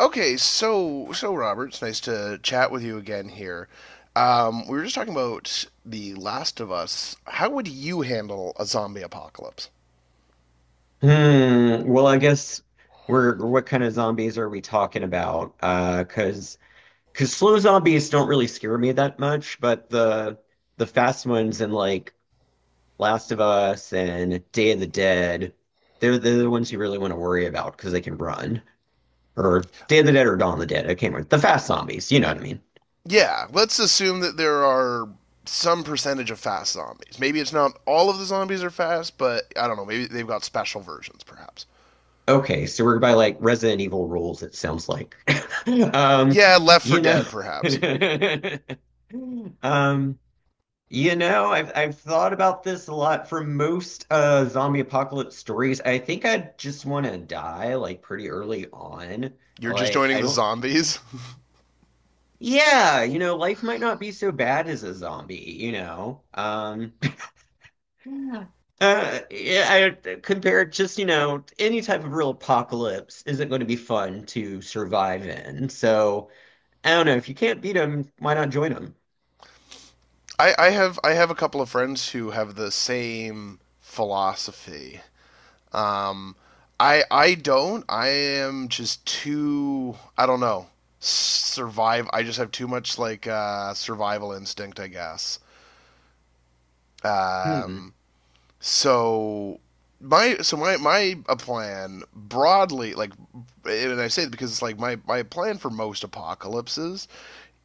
Okay, so Robert, it's nice to chat with you again here. We were just talking about The Last of Us. How would you handle a zombie apocalypse? Hmm. Well, I guess we're what kind of zombies are we talking about? Because slow zombies don't really scare me that much, but the fast ones in like Last of Us and Day of the Dead, they're the ones you really want to worry about because they can run. Or Day of the Dead or Dawn of the Dead. I can't remember. The fast zombies, you know what I mean? Yeah, let's assume that there are some percentage of fast zombies. Maybe it's not all of the zombies are fast, but I don't know. Maybe they've got special versions, perhaps. Okay, so we're by like Resident Evil rules, it sounds like. Um, Yeah, Left for you know. Dead, perhaps. Um, You know, I've thought about this a lot for most zombie apocalypse stories. I think I just want to die like pretty early on. You're just Like I joining the don't. zombies. Yeah, you know, life might not be so bad as a zombie, you know. Yeah. Yeah, I compared just, you know, any type of real apocalypse isn't going to be fun to survive in. So, I don't know, if you can't beat them, why not join them? I have I have a couple of friends who have the same philosophy. Um, I don't. I am just too. I don't know. Survive. I just have too much like survival instinct, I guess. Hmm. Um, so my so my a plan broadly, like, and I say it because it's like my plan for most apocalypses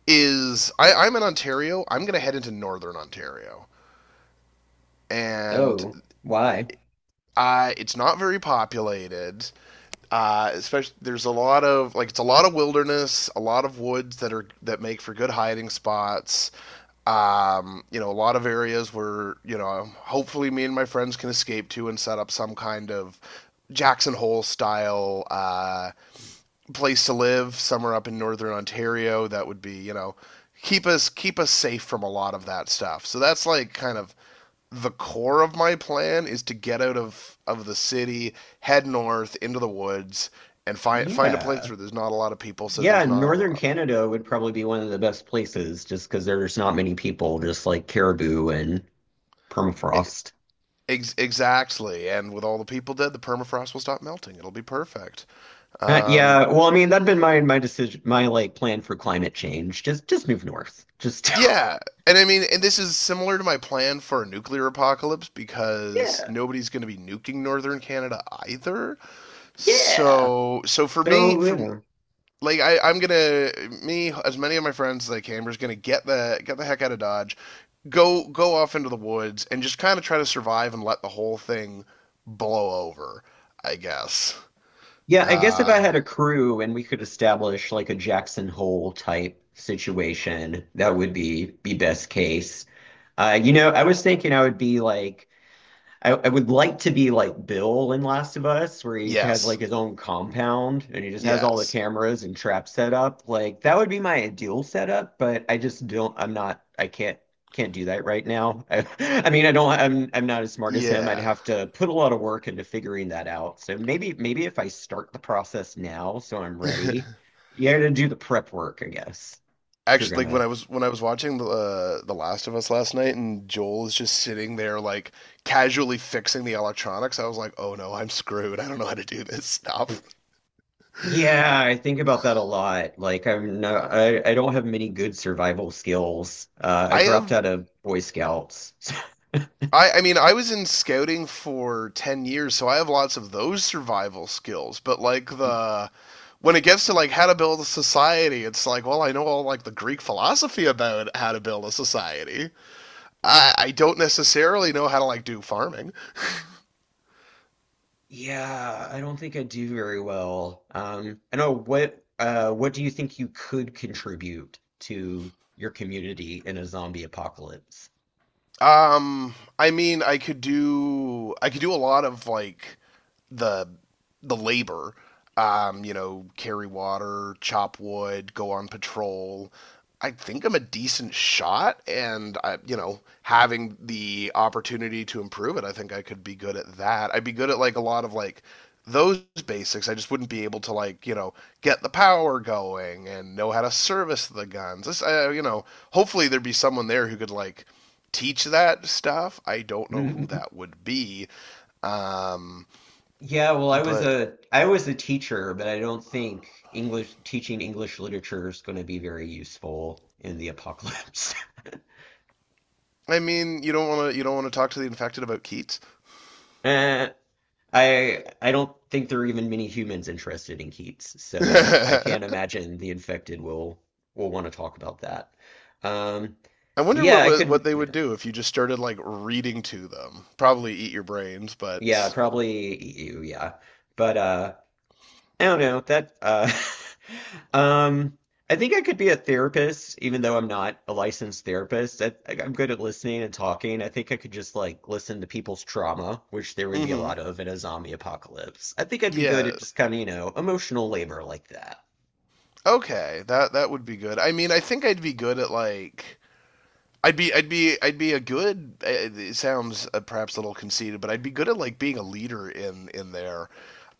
is, I'm in Ontario, I'm going to head into northern Ontario, and Oh, why? I, it's not very populated. Especially, there's a lot of, like, it's a lot of wilderness, a lot of woods that are, that make for good hiding spots. You know, a lot of areas where, you know, hopefully me and my friends can escape to and set up some kind of Jackson Hole style place to live somewhere up in northern Ontario that would be, you know, keep us safe from a lot of that stuff. So that's like kind of the core of my plan is to get out of the city, head north into the woods, and find a place Yeah. where there's not a lot of people, so Yeah, there's not a northern lot Canada would probably be one of the best places just because there's not many people, just like caribou and of. Permafrost. Exactly, and with all the people dead, the permafrost will stop melting. It'll be perfect. Um, Yeah, well, I mean, that'd been my decision, my like plan for climate change. Just move north. Just yeah, and I mean, and this is similar to my plan for a nuclear apocalypse because yeah, nobody's going to be nuking northern Canada either. yeah. So, so for me, So, for, you. like, I'm gonna me as many of my friends as I can. We're just gonna get the heck out of Dodge, go off into the woods, and just kind of try to survive and let the whole thing blow over. I guess. Yeah, I guess if I Uh, had a crew and we could establish like a Jackson Hole type situation, that would be best case. You know, I was thinking I would be like I would like to be like Bill in Last of Us, where he has yes, like his own compound and he just has all the yes, cameras and traps set up. Like that would be my ideal setup, but I just don't. I'm not. I can't do that right now. I mean, I don't. I'm not as smart as him. I'd yeah. have to put a lot of work into figuring that out. So maybe if I start the process now, so I'm ready. You got to do the prep work, I guess, if you're Actually, like gonna. When I was watching the Last of Us last night, and Joel is just sitting there like casually fixing the electronics. I was like, oh no, I'm screwed. I don't know how to do this stuff. I Yeah, I think about that a lot. Like I'm no, I don't have many good survival skills. I dropped have, out of Boy Scouts. I mean, I was in scouting for 10 years, so I have lots of those survival skills. But, like, the, when it gets to, like, how to build a society, it's like, well, I know all, like, the Greek philosophy about how to build a society. I don't necessarily know how to, like, do farming. Yeah, I don't think I do very well. I know what do you think you could contribute to your community in a zombie apocalypse? Um, I mean, I could do a lot of, like, the the labor. You know, carry water, chop wood, go on patrol. I think I'm a decent shot, and I, you know, having the opportunity to improve it, I think I could be good at that. I'd be good at like a lot of like those basics. I just wouldn't be able to, like, you know, get the power going and know how to service the guns. This, you know, hopefully there'd be someone there who could like teach that stuff. I don't know who that would be, um, Yeah, well, but I was a teacher, but I don't think English teaching English literature is going to be very useful in the apocalypse. I mean, you don't want to talk to the infected about Keats. Eh, I don't think there are even many humans interested in Keats, so I can't I imagine the infected will want to talk about that. Um, wonder yeah, what, I what could, they would yeah, do if you just started like reading to them. Probably eat your brains, yeah, but probably EU, yeah, but I don't know that um I think I could be a therapist even though I'm not a licensed therapist. I'm good at listening and talking. I think I could just like listen to people's trauma, which there would be a mhm. lot of in a zombie apocalypse. I think I'd be good Yeah. at just kind of, you know, emotional labor like that. Okay. That would be good. I mean, I think I'd be good at like, I'd be a good. It sounds perhaps a little conceited, but I'd be good at like being a leader in there.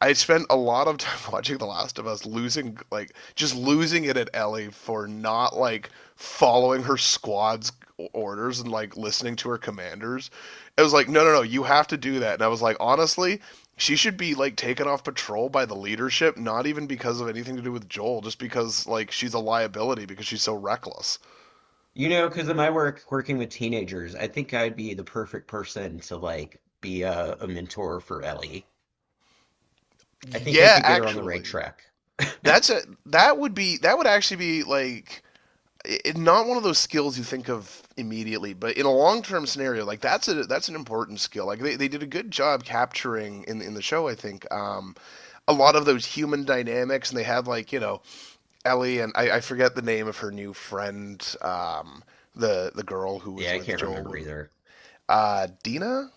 I spent a lot of time watching The Last of Us, losing, like, just losing it at Ellie for not like following her squad's orders and like listening to her commanders. It was like, no, no, no, you have to do that. And I was like, honestly, she should be like taken off patrol by the leadership, not even because of anything to do with Joel, just because like she's a liability because she's so reckless. You know, because of my work working with teenagers, I think I'd be the perfect person to like be a mentor for Ellie. I think I Yeah, could get her on the right actually. track. That's a, that would actually be like it, not one of those skills you think of immediately, but in a long term scenario, like that's a, that's an important skill. Like they did a good job capturing in the show, I think, a lot of those human dynamics, and they had like, you know, Ellie and, I forget the name of her new friend, the girl who Yeah, was I with can't remember Joel, either. Dina,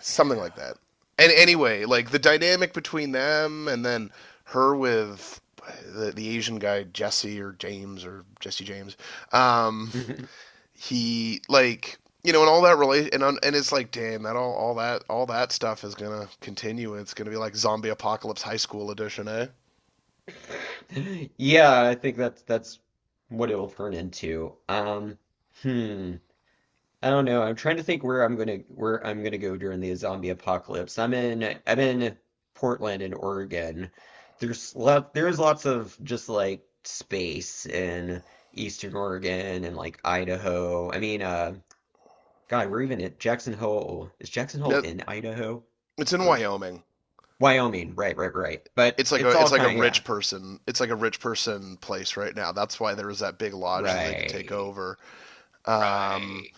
something like that. And anyway, like the dynamic between them and then her with the Asian guy Jesse or James or Jesse James. Um, he, like, you know, and all that relation, and it's like, damn, that all all that stuff is gonna continue. It's gonna be like zombie apocalypse high school edition, eh? Yeah, I think that's what it'll turn into. Hmm. I don't know. I'm trying to think where I'm gonna go during the zombie apocalypse. I'm in Portland in Oregon. There's lots of just like space in Eastern Oregon and like Idaho. I mean, God, we're even at Jackson Hole. Is Jackson Hole Yeah, in Idaho? it's in Wyoming. Wyoming, right, right, right. But It's like a, it's all it's like a kind of, yeah, rich person. It's like a rich person place right now. That's why there was that big lodge that they could take right, over. Um, right.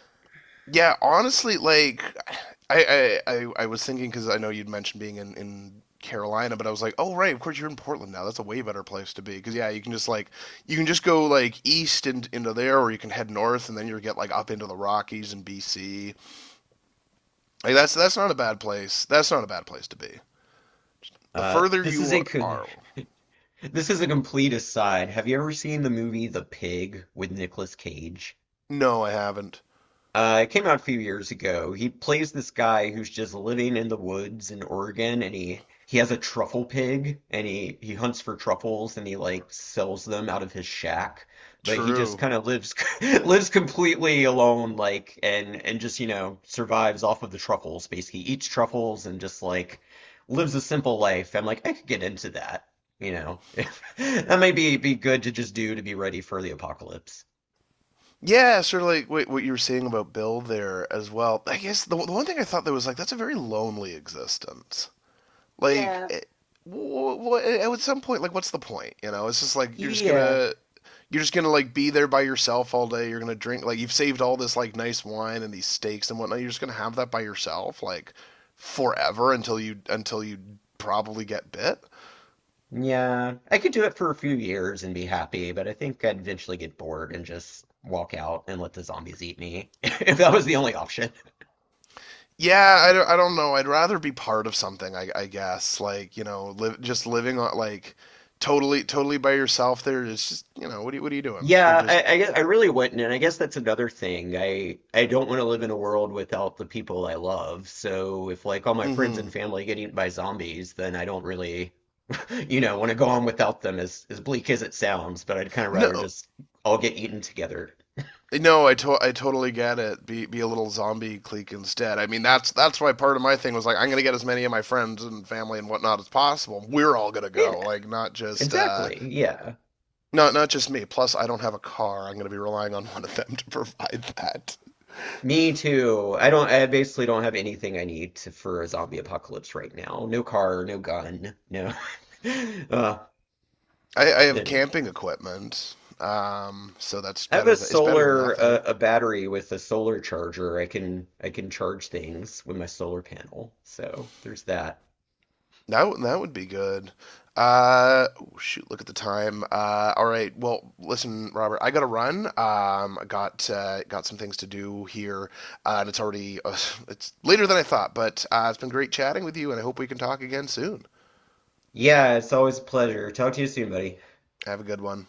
Yeah, honestly, like I was thinking because I know you'd mentioned being in Carolina, but I was like, oh right, of course you're in Portland now. That's a way better place to be because, yeah, you can just like you can just go like east and into there, or you can head north and then you get like up into the Rockies and BC. Like that's not a bad place. That's not a bad place to be. The further This is you a co- are, this is a complete aside. Have you ever seen the movie The Pig with Nicolas Cage? no, I haven't. It came out a few years ago. He plays this guy who's just living in the woods in Oregon, and he has a truffle pig, and he hunts for truffles, and he like sells them out of his shack. But he just True. kind of lives lives completely alone, like and just you know survives off of the truffles. Basically, eats truffles and just like lives a simple life. I'm like, I could get into that, you know. That may be good to just do to be ready for the apocalypse. Yeah, sort of like what, you were saying about Bill there as well. I guess the one thing I thought that was like that's a very lonely existence. Like, Yeah, it, at some point, like, what's the point? You know, it's just like yeah. You're just gonna like be there by yourself all day. You're gonna drink like you've saved all this like nice wine and these steaks and whatnot. You're just gonna have that by yourself like forever until you probably get bit. Yeah, I could do it for a few years and be happy, but I think I'd eventually get bored and just walk out and let the zombies eat me if that was the only option. Yeah, I don't know. I'd rather be part of something, I guess. Like, you know, live just living on like totally by yourself. There is just, you know, what are you doing? You're Yeah, just. I guess I really wouldn't, and I guess that's another thing. I don't want to live in a world without the people I love. So if like all my friends Mm-hmm. and family get eaten by zombies, then I don't really, you know, want to go on without them as bleak as it sounds, but I'd kind of rather No, just all get eaten together. no, I totally get it. Be a little zombie clique instead. I mean, that's why part of my thing was like, I'm gonna get as many of my friends and family and whatnot as possible. We're all gonna Yeah, go, like not just exactly. Yeah. not just me. Plus, I don't have a car. I'm gonna be relying on one of them to provide that. Me too. I don't, I basically don't have anything I need to, for a zombie apocalypse right now. No car, no gun, no. Uh, I have anyway, camping equipment, so that's I have better. a It's better than solar, nothing. a battery with a solar charger. I can charge things with my solar panel. So there's that. That would be good. Oh, shoot, look at the time. All right. Well, listen, Robert, I gotta run. I got some things to do here, and it's already it's later than I thought. But it's been great chatting with you, and I hope we can talk again soon. Yeah, it's always a pleasure. Talk to you soon, buddy. Have a good one.